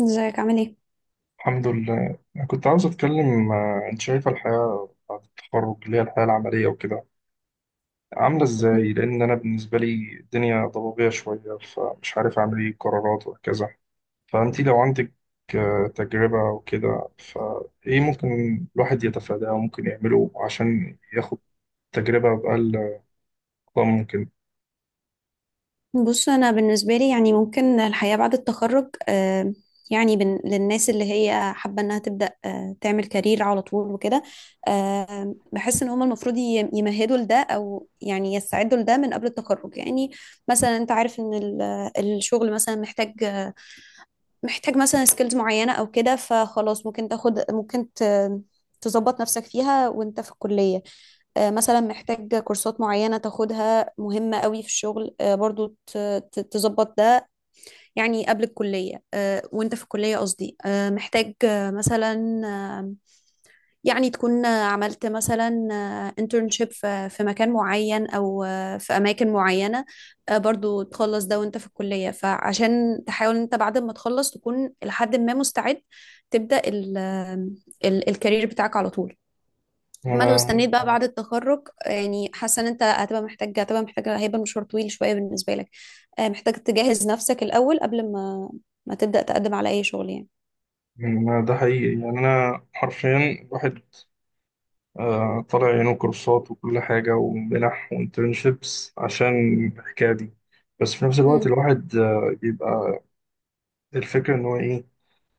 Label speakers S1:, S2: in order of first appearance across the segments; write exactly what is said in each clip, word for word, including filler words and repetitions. S1: ازيك عامل ايه؟
S2: الحمد لله أنا كنت عاوز أتكلم آه، أنت شايفة الحياة بعد التخرج اللي هي الحياة العملية وكده عاملة إزاي؟ لأن أنا بالنسبة لي الدنيا ضبابية شوية فمش عارف أعمل إيه قرارات وهكذا فأنت لو عندك آه، تجربة وكده فإيه ممكن الواحد يتفاداه وممكن يعمله عشان ياخد تجربة بأقل أقوى ممكن؟
S1: بص، انا بالنسبه لي يعني ممكن الحياه بعد التخرج، آه، يعني بن- للناس اللي هي حابه انها تبدا آه، تعمل كارير على طول وكده. آه، بحس ان هم المفروض ي- يمهدوا لده او يعني يستعدوا لده من قبل التخرج. يعني مثلا انت عارف ان ال- الشغل مثلا محتاج محتاج مثلا سكيلز معينة او كده، فخلاص ممكن تاخد ممكن ت- تظبط نفسك فيها وانت في الكلية. آه، مثلا محتاج كورسات معينة تاخدها مهمة قوي في الشغل، آه، برضو ت- ت- تظبط ده يعني قبل الكلية، آه، وانت في الكلية قصدي، آه، محتاج آه، مثلا يعني تكون عملت مثلا انترنشيب في في مكان معين او في اماكن معينه، آه، برضو تخلص ده وانت في الكليه. فعشان تحاول انت بعد ما تخلص تكون لحد ما مستعد تبدا ال ال الكارير بتاعك على طول. ما لو
S2: أنا
S1: استنيت بقى بعد التخرج، يعني حاسه ان انت هتبقى محتاج هتبقى محتاج هيبقى مشوار طويل شويه بالنسبه لك، آه، محتاج تجهز نفسك الاول قبل ما ما تبدا تقدم على اي شغل يعني.
S2: يعني أنا ده حقيقي يعني أنا حرفيا الواحد آه، طالع عينه كورسات وكل حاجة ومنح وانترنشيبس عشان الحكاية دي. بس في نفس الوقت
S1: مم.
S2: الواحد آه، بيبقى الفكرة إن هو إيه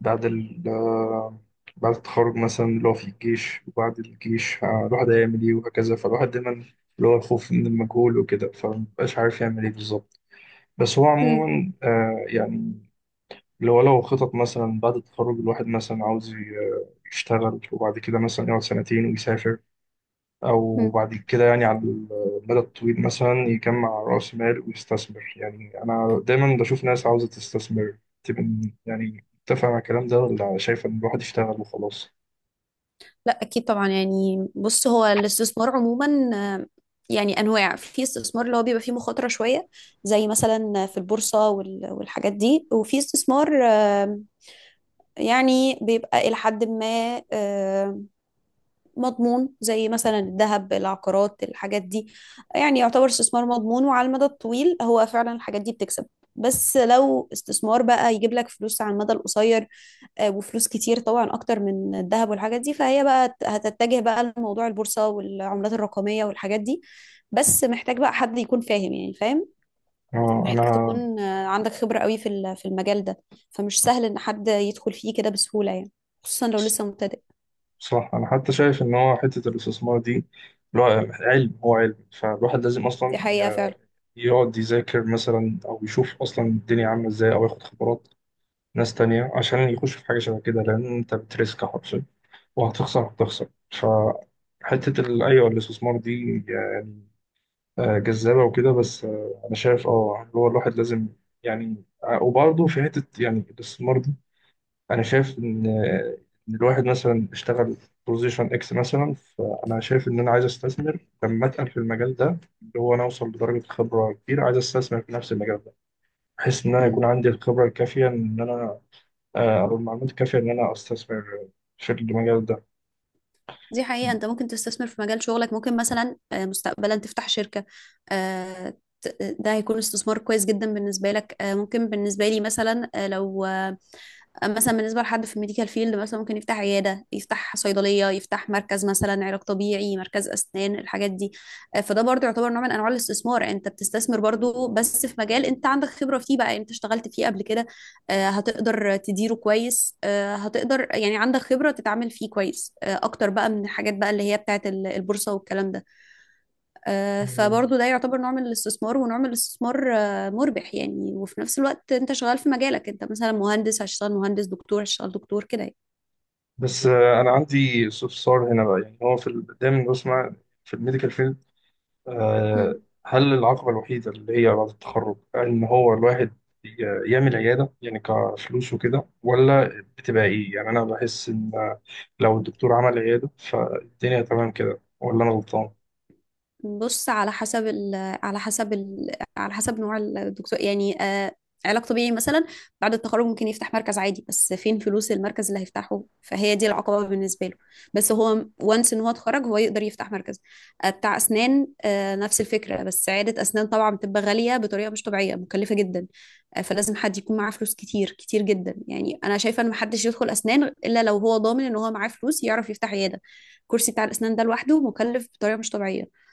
S2: بعد ال آه، بعد التخرج مثلا اللي هو في الجيش وبعد الجيش آه، الواحد هيعمل إيه وهكذا، فالواحد دايما اللي هو الخوف من المجهول وكده فمبقاش عارف يعمل إيه بالظبط. بس هو
S1: مم.
S2: عموما آه، يعني لو لو خطط مثلا بعد التخرج، الواحد مثلا عاوز ي- آه، يشتغل وبعد كده مثلا يقعد سنتين ويسافر، أو
S1: مم.
S2: بعد كده يعني على المدى الطويل مثلا يجمع رأس مال ويستثمر. يعني أنا دايما بشوف ناس عاوزة تستثمر تبقى يعني متفق مع الكلام ده، ولا شايف إن الواحد يشتغل وخلاص.
S1: لا اكيد طبعا. يعني بص، هو الاستثمار عموما آه، يعني انواع. في استثمار اللي هو بيبقى فيه مخاطره شويه، زي مثلا في البورصه وال- والحاجات دي. وفي استثمار آه، يعني بيبقى الى حد ما مضمون، زي مثلا الذهب، العقارات، الحاجات دي. يعني يعتبر استثمار مضمون، وعلى المدى الطويل هو فعلا الحاجات دي بتكسب. بس لو استثمار بقى يجيب لك فلوس على المدى القصير آه، وفلوس كتير طبعا اكتر من الذهب والحاجات دي، فهي بقى ت- هتتجه بقى لموضوع البورصة والعملات الرقمية والحاجات دي. بس محتاج بقى حد يكون فاهم، يعني فاهم.
S2: آه،
S1: محتاج
S2: أنا
S1: تكون آه، عندك خبرة قوي في ال- في المجال ده، فمش سهل ان حد يدخل فيه كده بسهولة يعني، خصوصا لو لسه مبتدئ.
S2: صح، أنا حتى شايف إن هو حتة الاستثمار دي اللي هو علم، هو علم فالواحد لازم
S1: دي
S2: أصلا
S1: حقيقة فعلا.
S2: يقعد يذاكر مثلا أو يشوف أصلا الدنيا عاملة إزاي، أو ياخد خبرات ناس تانية عشان يخش في حاجة شبه كده، لأن أنت بتريسك حرفيا وهتخسر هتخسر فحتة ال- أيوة الاستثمار دي يعني آه، جذابة وكده، بس آه، أنا شايف أه اللي هو الواحد لازم يعني آه، وبرضه في حتة يعني الاستثمار دي أنا شايف إن آه، إن الواحد مثلا اشتغل بوزيشن إكس مثلا، فأنا شايف إن أنا عايز أستثمر لما أتقل في المجال ده، اللي هو أنا أوصل لدرجة خبرة كبيرة، عايز أستثمر في نفس المجال ده، بحيث إن أنا يكون عندي الخبرة الكافية إن أنا آه، أو المعلومات الكافية إن أنا أستثمر في المجال
S1: دي حقيقة، انت ممكن تستثمر في مجال شغلك. ممكن مثلا آه، مستقبلا تفتح شركة، آه، ت- آه، ده هيكون استثمار كويس جدا بالنسبة لك. آه، ممكن بالنسبة لي مثلا، آه، لو مثلا بالنسبة لحد في الميديكال فيلد، مثلا ممكن يفتح عيادة، يفتح صيدلية، يفتح مركز مثلا علاج طبيعي، مركز أسنان، الحاجات دي. آه، فده برضو يعتبر نوع من أنواع الاستثمار. أنت بتستثمر برضو، بس في مجال أنت عندك خبرة فيه، بقى أنت اشتغلت فيه قبل كده. آه، هتقدر تديره كويس، آه، هتقدر يعني عندك خبرة تتعامل فيه كويس، آه، أكتر بقى من الحاجات بقى اللي هي بتاعت ال- البورصة والكلام ده. آه،
S2: ده.
S1: فبرضه ده يعتبر نوع من الاستثمار، ونوع من الاستثمار آه، مربح يعني. وفي نفس الوقت انت شغال في مجالك، انت مثلا مهندس هتشتغل مهندس، دكتور هتشتغل دكتور كده
S2: بس آه، انا عندي استفسار هنا بقى، يعني هو في ال- دايما بسمع في الميديكال فيلد،
S1: يعني.
S2: آه، هل العقبه الوحيده اللي هي بعد التخرج ان هو الواحد ي- يعمل عياده، يعني كفلوس وكده، ولا بتبقى ايه؟ يعني انا بحس ان آه، لو الدكتور عمل عياده فالدنيا تمام كده، ولا انا غلطان؟
S1: بص، على حسب ال على حسب ال على حسب نوع الدكتور يعني. آه علاج طبيعي مثلا، بعد التخرج ممكن يفتح مركز عادي، بس فين فلوس المركز اللي هيفتحه؟ فهي دي العقبة بالنسبة له. بس هو وانس ان هو اتخرج، هو يقدر يفتح مركز آه بتاع اسنان. آه نفس الفكرة، بس عيادة اسنان طبعا بتبقى غالية بطريقة مش طبيعية، مكلفة جدا. آه فلازم حد يكون معاه فلوس كتير كتير جدا. يعني انا شايفة ان محدش يدخل اسنان الا لو هو ضامن ان هو معاه فلوس يعرف يفتح عيادة. الكرسي بتاع الاسنان ده لوحده مكلف بطريقة مش طبيعية.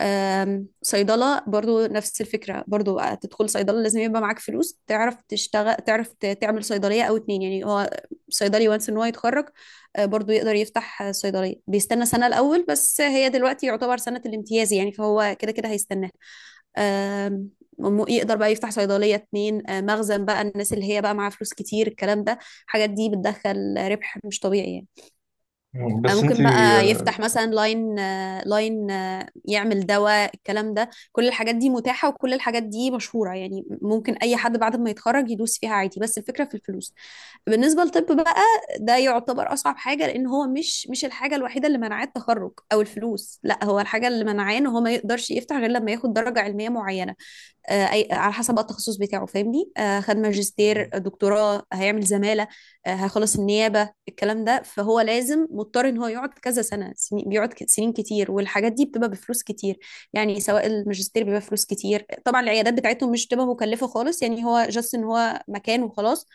S1: آم، صيدلة برضو نفس الفكرة. برضو تدخل صيدلة لازم يبقى معاك فلوس تعرف تشتغل، تعرف ت- تعمل صيدلية أو اتنين. يعني هو صيدلي وانس إن هو يتخرج، آه، برضو يقدر يفتح آه، صيدلية. بيستنى سنة الأول بس، هي دلوقتي يعتبر سنة الامتياز يعني، فهو كده كده هيستناها. آم، وم- يقدر بقى يفتح صيدلية، اتنين، آه، مخزن بقى، الناس اللي هي بقى معاها فلوس كتير الكلام ده. الحاجات دي بتدخل ربح مش طبيعي يعني.
S2: مم،
S1: آه،
S2: بس انت
S1: ممكن بقى
S2: آه،
S1: يفتح مثلا لاين آه، لاين آه، يعمل دواء الكلام ده. كل الحاجات دي متاحة وكل الحاجات دي مشهورة يعني، ممكن أي حد بعد ما يتخرج يدوس فيها عادي، بس الفكرة في الفلوس. بالنسبة للطب بقى، ده يعتبر أصعب حاجة، لأن هو مش مش الحاجة الوحيدة اللي منعاه التخرج أو الفلوس. لا، هو الحاجة اللي منعاه إن هو ما يقدرش يفتح غير لما ياخد درجة علمية معينة، آه، أي على حسب بقى التخصص بتاعه فاهمني. آه، خد ماجستير، دكتوراه، هيعمل زمالة، آه، هيخلص النيابة، الكلام ده. فهو لازم مضطر ان هو يقعد كذا سنة، سنين بيقعد ك- سنين كتير، والحاجات دي بتبقى بفلوس كتير. يعني سواء الماجستير بيبقى فلوس كتير طبعا. العيادات بتاعتهم مش بتبقى مكلفة خالص يعني، هو جاست ان هو مكان وخلاص.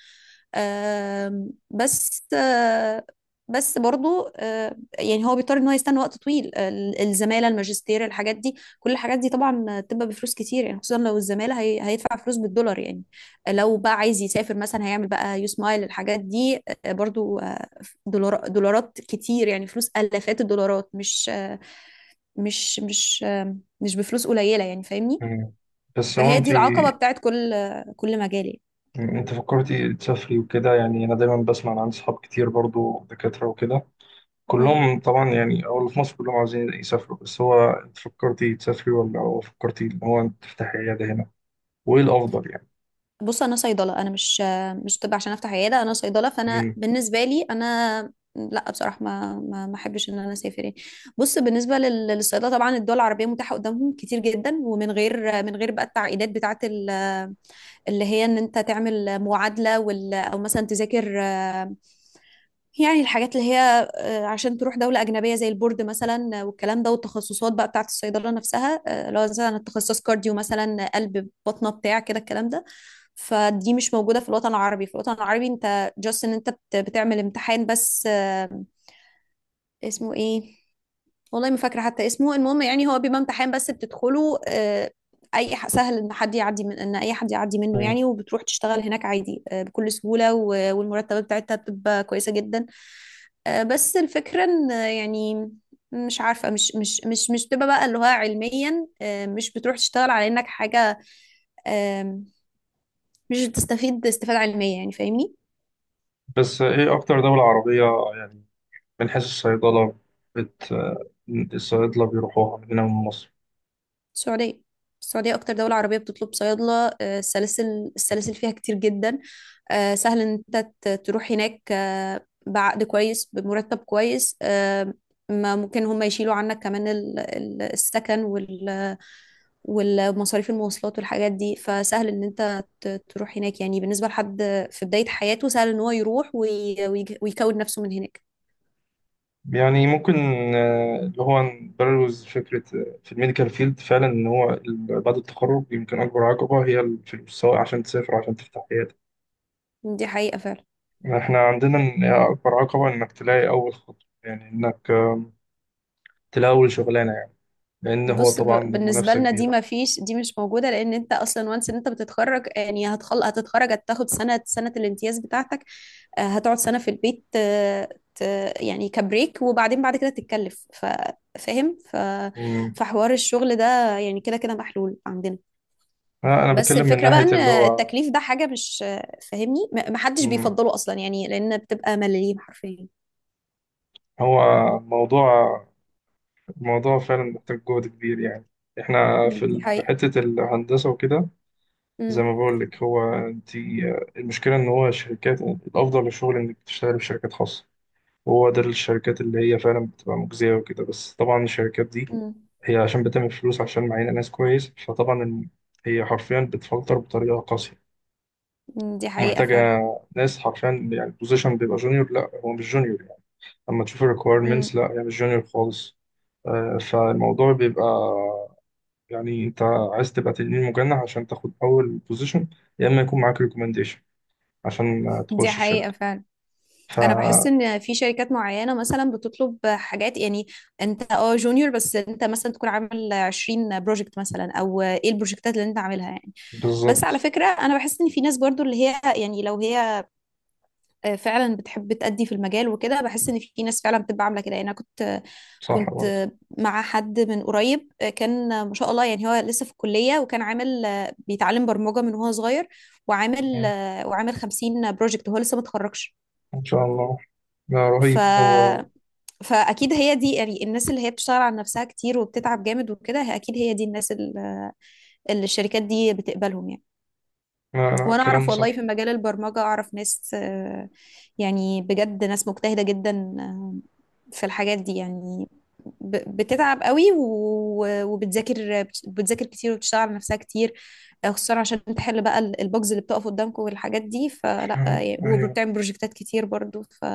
S1: آم، بس آه، بس برضو آه، يعني هو بيضطر ان هو يستنى وقت طويل، ال- الزمالة، الماجستير، الحاجات دي. كل الحاجات دي طبعا بتبقى بفلوس كتير يعني، خصوصا لو الزمالة هي... هيدفع فلوس بالدولار يعني. لو بقى عايز يسافر مثلا، هيعمل بقى يو سمايل الحاجات دي، آه، برضو آه، دولار... دولارات كتير يعني، فلوس آلافات الدولارات، مش آه، مش مش آه، مش بفلوس قليلة يعني فاهمني.
S2: مم. بس هو
S1: فهي
S2: انت
S1: دي العقبة بتاعت كل آه، كل مجال يعني.
S2: انت فكرتي تسافري وكده؟ يعني انا دايما بسمع عن صحاب كتير برضو دكاترة وكده،
S1: مم.
S2: كلهم طبعا يعني او اللي في مصر كلهم عاوزين يسافروا، بس هو انت فكرتي تسافري، ولا هو فكرتي ان هو انت تفتحي عياده هنا؟ وايه الافضل يعني؟
S1: بص، انا صيدله، انا مش مش طب عشان افتح عياده، انا صيدله. فانا
S2: مم.
S1: بالنسبه لي، انا لا، بصراحه ما ما ما احبش ان انا اسافر يعني. بص، بالنسبه لل- للصيدله طبعا، الدول العربيه متاحه قدامهم كتير جدا، ومن غير من غير بقى التعقيدات بتاعه ال- اللي هي ان انت تعمل معادله، وال، او مثلا تذاكر، يعني الحاجات اللي هي آه، عشان تروح دولة أجنبية زي البورد مثلا، آه، والكلام ده. والتخصصات بقى بتاعة الصيدلة نفسها، آه، لو مثلا التخصص كارديو مثلا، آه، قلب بطنة بتاع كده الكلام ده، فدي مش موجودة في الوطن العربي. في الوطن العربي انت جاست ان انت بت- بتعمل امتحان بس، آه، اسمه ايه، والله ما فاكرة حتى اسمه، المهم. يعني هو بيبقى امتحان بس بتدخله، آه، اي ح- سهل ان حد يعدي من، ان اي حد يعدي منه
S2: مم.
S1: يعني، وبتروح تشتغل هناك عادي، آه، بكل سهولة. و- والمرتبات بتاعتها بتبقى كويسة جدا، آه، بس الفكرة ان آه، يعني مش عارفة، مش مش مش مش بتبقى بقى اللي هو علميا، آه، مش بتروح تشتغل على انك حاجة. آم، مش بتستفيد استفادة علمية يعني فاهمني.
S2: بس ايه اكتر دولة عربية يعني من حيث الصيدلة بت الصيادلة بيروحوها من هنا من مصر؟
S1: السعودية. السعودية أكتر دولة عربية بتطلب صيادلة. آه، السلاسل السلاسل فيها كتير جدا. آه، سهل إن أنت ت- تروح هناك، آه، بعقد كويس، بمرتب كويس. آه، ما ممكن هم يشيلوا عنك كمان ال- ال- السكن، والمصاريف، المواصلات، والحاجات دي. فسهل ان انت ت- تروح هناك، يعني بالنسبة لحد في بداية حياته سهل ان هو يروح وي- ويج- ويكون نفسه من هناك.
S2: يعني ممكن آه، اللي هو نبرز فكرة آه، في الميديكال فيلد فعلا إن هو ال- بعد التخرج يمكن أكبر عقبة هي الفلوس، سواء عشان تسافر عشان تفتح.
S1: دي حقيقة فعلا.
S2: احنا عندنا إن اكبر عقبة انك تلاقي اول خطوة، يعني انك آم، تلاقي اول شغلانة، يعني لان هو
S1: بص، ب-
S2: طبعا
S1: بالنسبة
S2: المنافسة
S1: لنا دي
S2: كبيرة.
S1: ما فيش، دي مش موجودة، لأن أنت أصلا وانس إن أنت بتتخرج، يعني هتخل هتتخرج، هتاخد سنة، سنة الامتياز بتاعتك. آه، هتقعد سنة في البيت، آه، ت- يعني كبريك، وبعدين بعد كده تتكلف. ف- فاهم. ف...
S2: أمم.
S1: فحوار الشغل ده يعني كده كده محلول عندنا.
S2: انا أنا
S1: بس
S2: بتكلم من
S1: الفكرة بقى
S2: ناحية
S1: ان
S2: اللي هو
S1: التكليف ده حاجة مش فاهمني، م- محدش
S2: أمم،
S1: بيفضله اصلا يعني، لان بتبقى ملاليم حرفيا.
S2: هو موضوع موضوع فعلا محتاج جهد كبير يعني. احنا
S1: مم،
S2: في
S1: دي
S2: ال-
S1: حقيقة.
S2: حتة الهندسة وكده زي ما
S1: مم،
S2: بقول لك، هو انت المشكلة ان هو الشركات الافضل للشغل انك تشتغل في شركات خاصة. هو ده الشركات اللي هي فعلا بتبقى مجزية وكده، بس طبعا الشركات دي
S1: مم،
S2: هي عشان بتعمل فلوس، عشان معينة ناس كويس، فطبعا الم- هي حرفيا بتفلتر بطريقة قاسية،
S1: مم، دي حقيقة
S2: ومحتاجة
S1: فعلا.
S2: ناس حرفيا، يعني البوزيشن بيبقى جونيور، لا هو مش جونيور يعني، لما تشوف الريكويرمنتس
S1: مم،
S2: لا هي مش جونيور خالص. آه، فالموضوع بيبقى يعني انت عايز تبقى تنين مجنح عشان تاخد اول بوزيشن، يا اما يكون معاك ريكومنديشن عشان آه،
S1: دي
S2: تخش
S1: حقيقة
S2: الشركة.
S1: فعلا. انا بحس ان في شركات معينة مثلا بتطلب حاجات، يعني انت اه جونيور، بس انت مثلا تكون عامل عشرين بروجكت مثلا، او ايه البروجكتات اللي انت عاملها يعني. بس على
S2: فبالظبط.
S1: فكرة، انا بحس ان في ناس برضو اللي هي يعني لو هي آه، فعلا بتحب تأدي في المجال وكده. بحس ان في ناس فعلا بتبقى عامله كده يعني. انا كنت
S2: صح برضه.
S1: كنت مع حد من قريب، آه، كان ما شاء الله. يعني هو لسه في الكليه وكان عامل آه، بيتعلم برمجه من وهو صغير، وعامل آه، وعامل خمسين بروجكت وهو لسه ما اتخرجش.
S2: إن شاء الله. لا،
S1: ف
S2: رهيب هو.
S1: فاكيد هي دي يعني الناس اللي هي بتشتغل على نفسها كتير وبتتعب جامد وكده. هي- اكيد هي دي الناس اللي اللي الشركات دي بتقبلهم يعني.
S2: لا لا،
S1: وانا
S2: كلام
S1: اعرف والله
S2: صح.
S1: في مجال البرمجة اعرف ناس، آه، يعني بجد ناس مجتهدة جدا، آه، في الحاجات دي يعني. ب- بتتعب قوي و- وبتذاكر بتذاكر كتير، وبتشتغل على نفسها كتير، آه، خصوصا عشان تحل بقى ال- البجز اللي بتقف قدامكم والحاجات دي. فلا، آه،
S2: أيوه.
S1: وبتعمل بروجكتات كتير برضو. ف...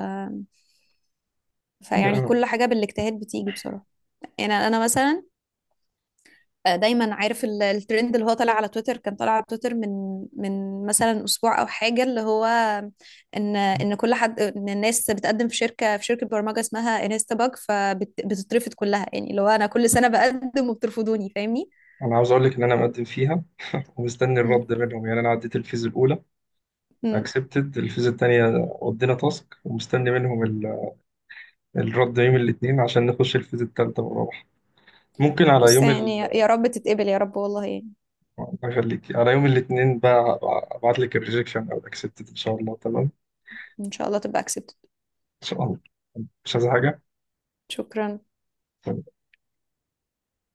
S2: يعني
S1: فيعني
S2: أنا
S1: كل حاجة بالاجتهاد بتيجي بصراحة. يعني انا مثلا آه، دايما عارف ال- الترند اللي هو طالع على تويتر. كان طالع على تويتر من من مثلا اسبوع او حاجه، اللي هو ان ان كل حد، ان الناس بتقدم في شركه، في شركه برمجه اسمها انستا باج، فبتترفض كلها. يعني اللي هو انا كل سنه بقدم وبترفضوني فاهمني.
S2: أنا عاوز أقول لك إن أنا مقدم فيها، ومستني
S1: مم.
S2: الرد منهم. يعني أنا عديت الفيز الأولى،
S1: مم.
S2: أكسبتد الفيز التانية، ودينا تاسك، ومستني منهم ال- الرد يوم الاثنين عشان نخش الفيز التالتة والرابعة. ممكن على
S1: بص،
S2: يوم
S1: يعني يا
S2: ال
S1: يا رب تتقبل، يا رب والله يعني.
S2: أخليك على يوم الاثنين بقى، أبعت لك الريجكشن أو الأكسبتد، إن شاء الله تمام.
S1: ان شاء الله تبقى accepted.
S2: إن شاء الله. مش عايز حاجة.
S1: شكرا.
S2: طيب.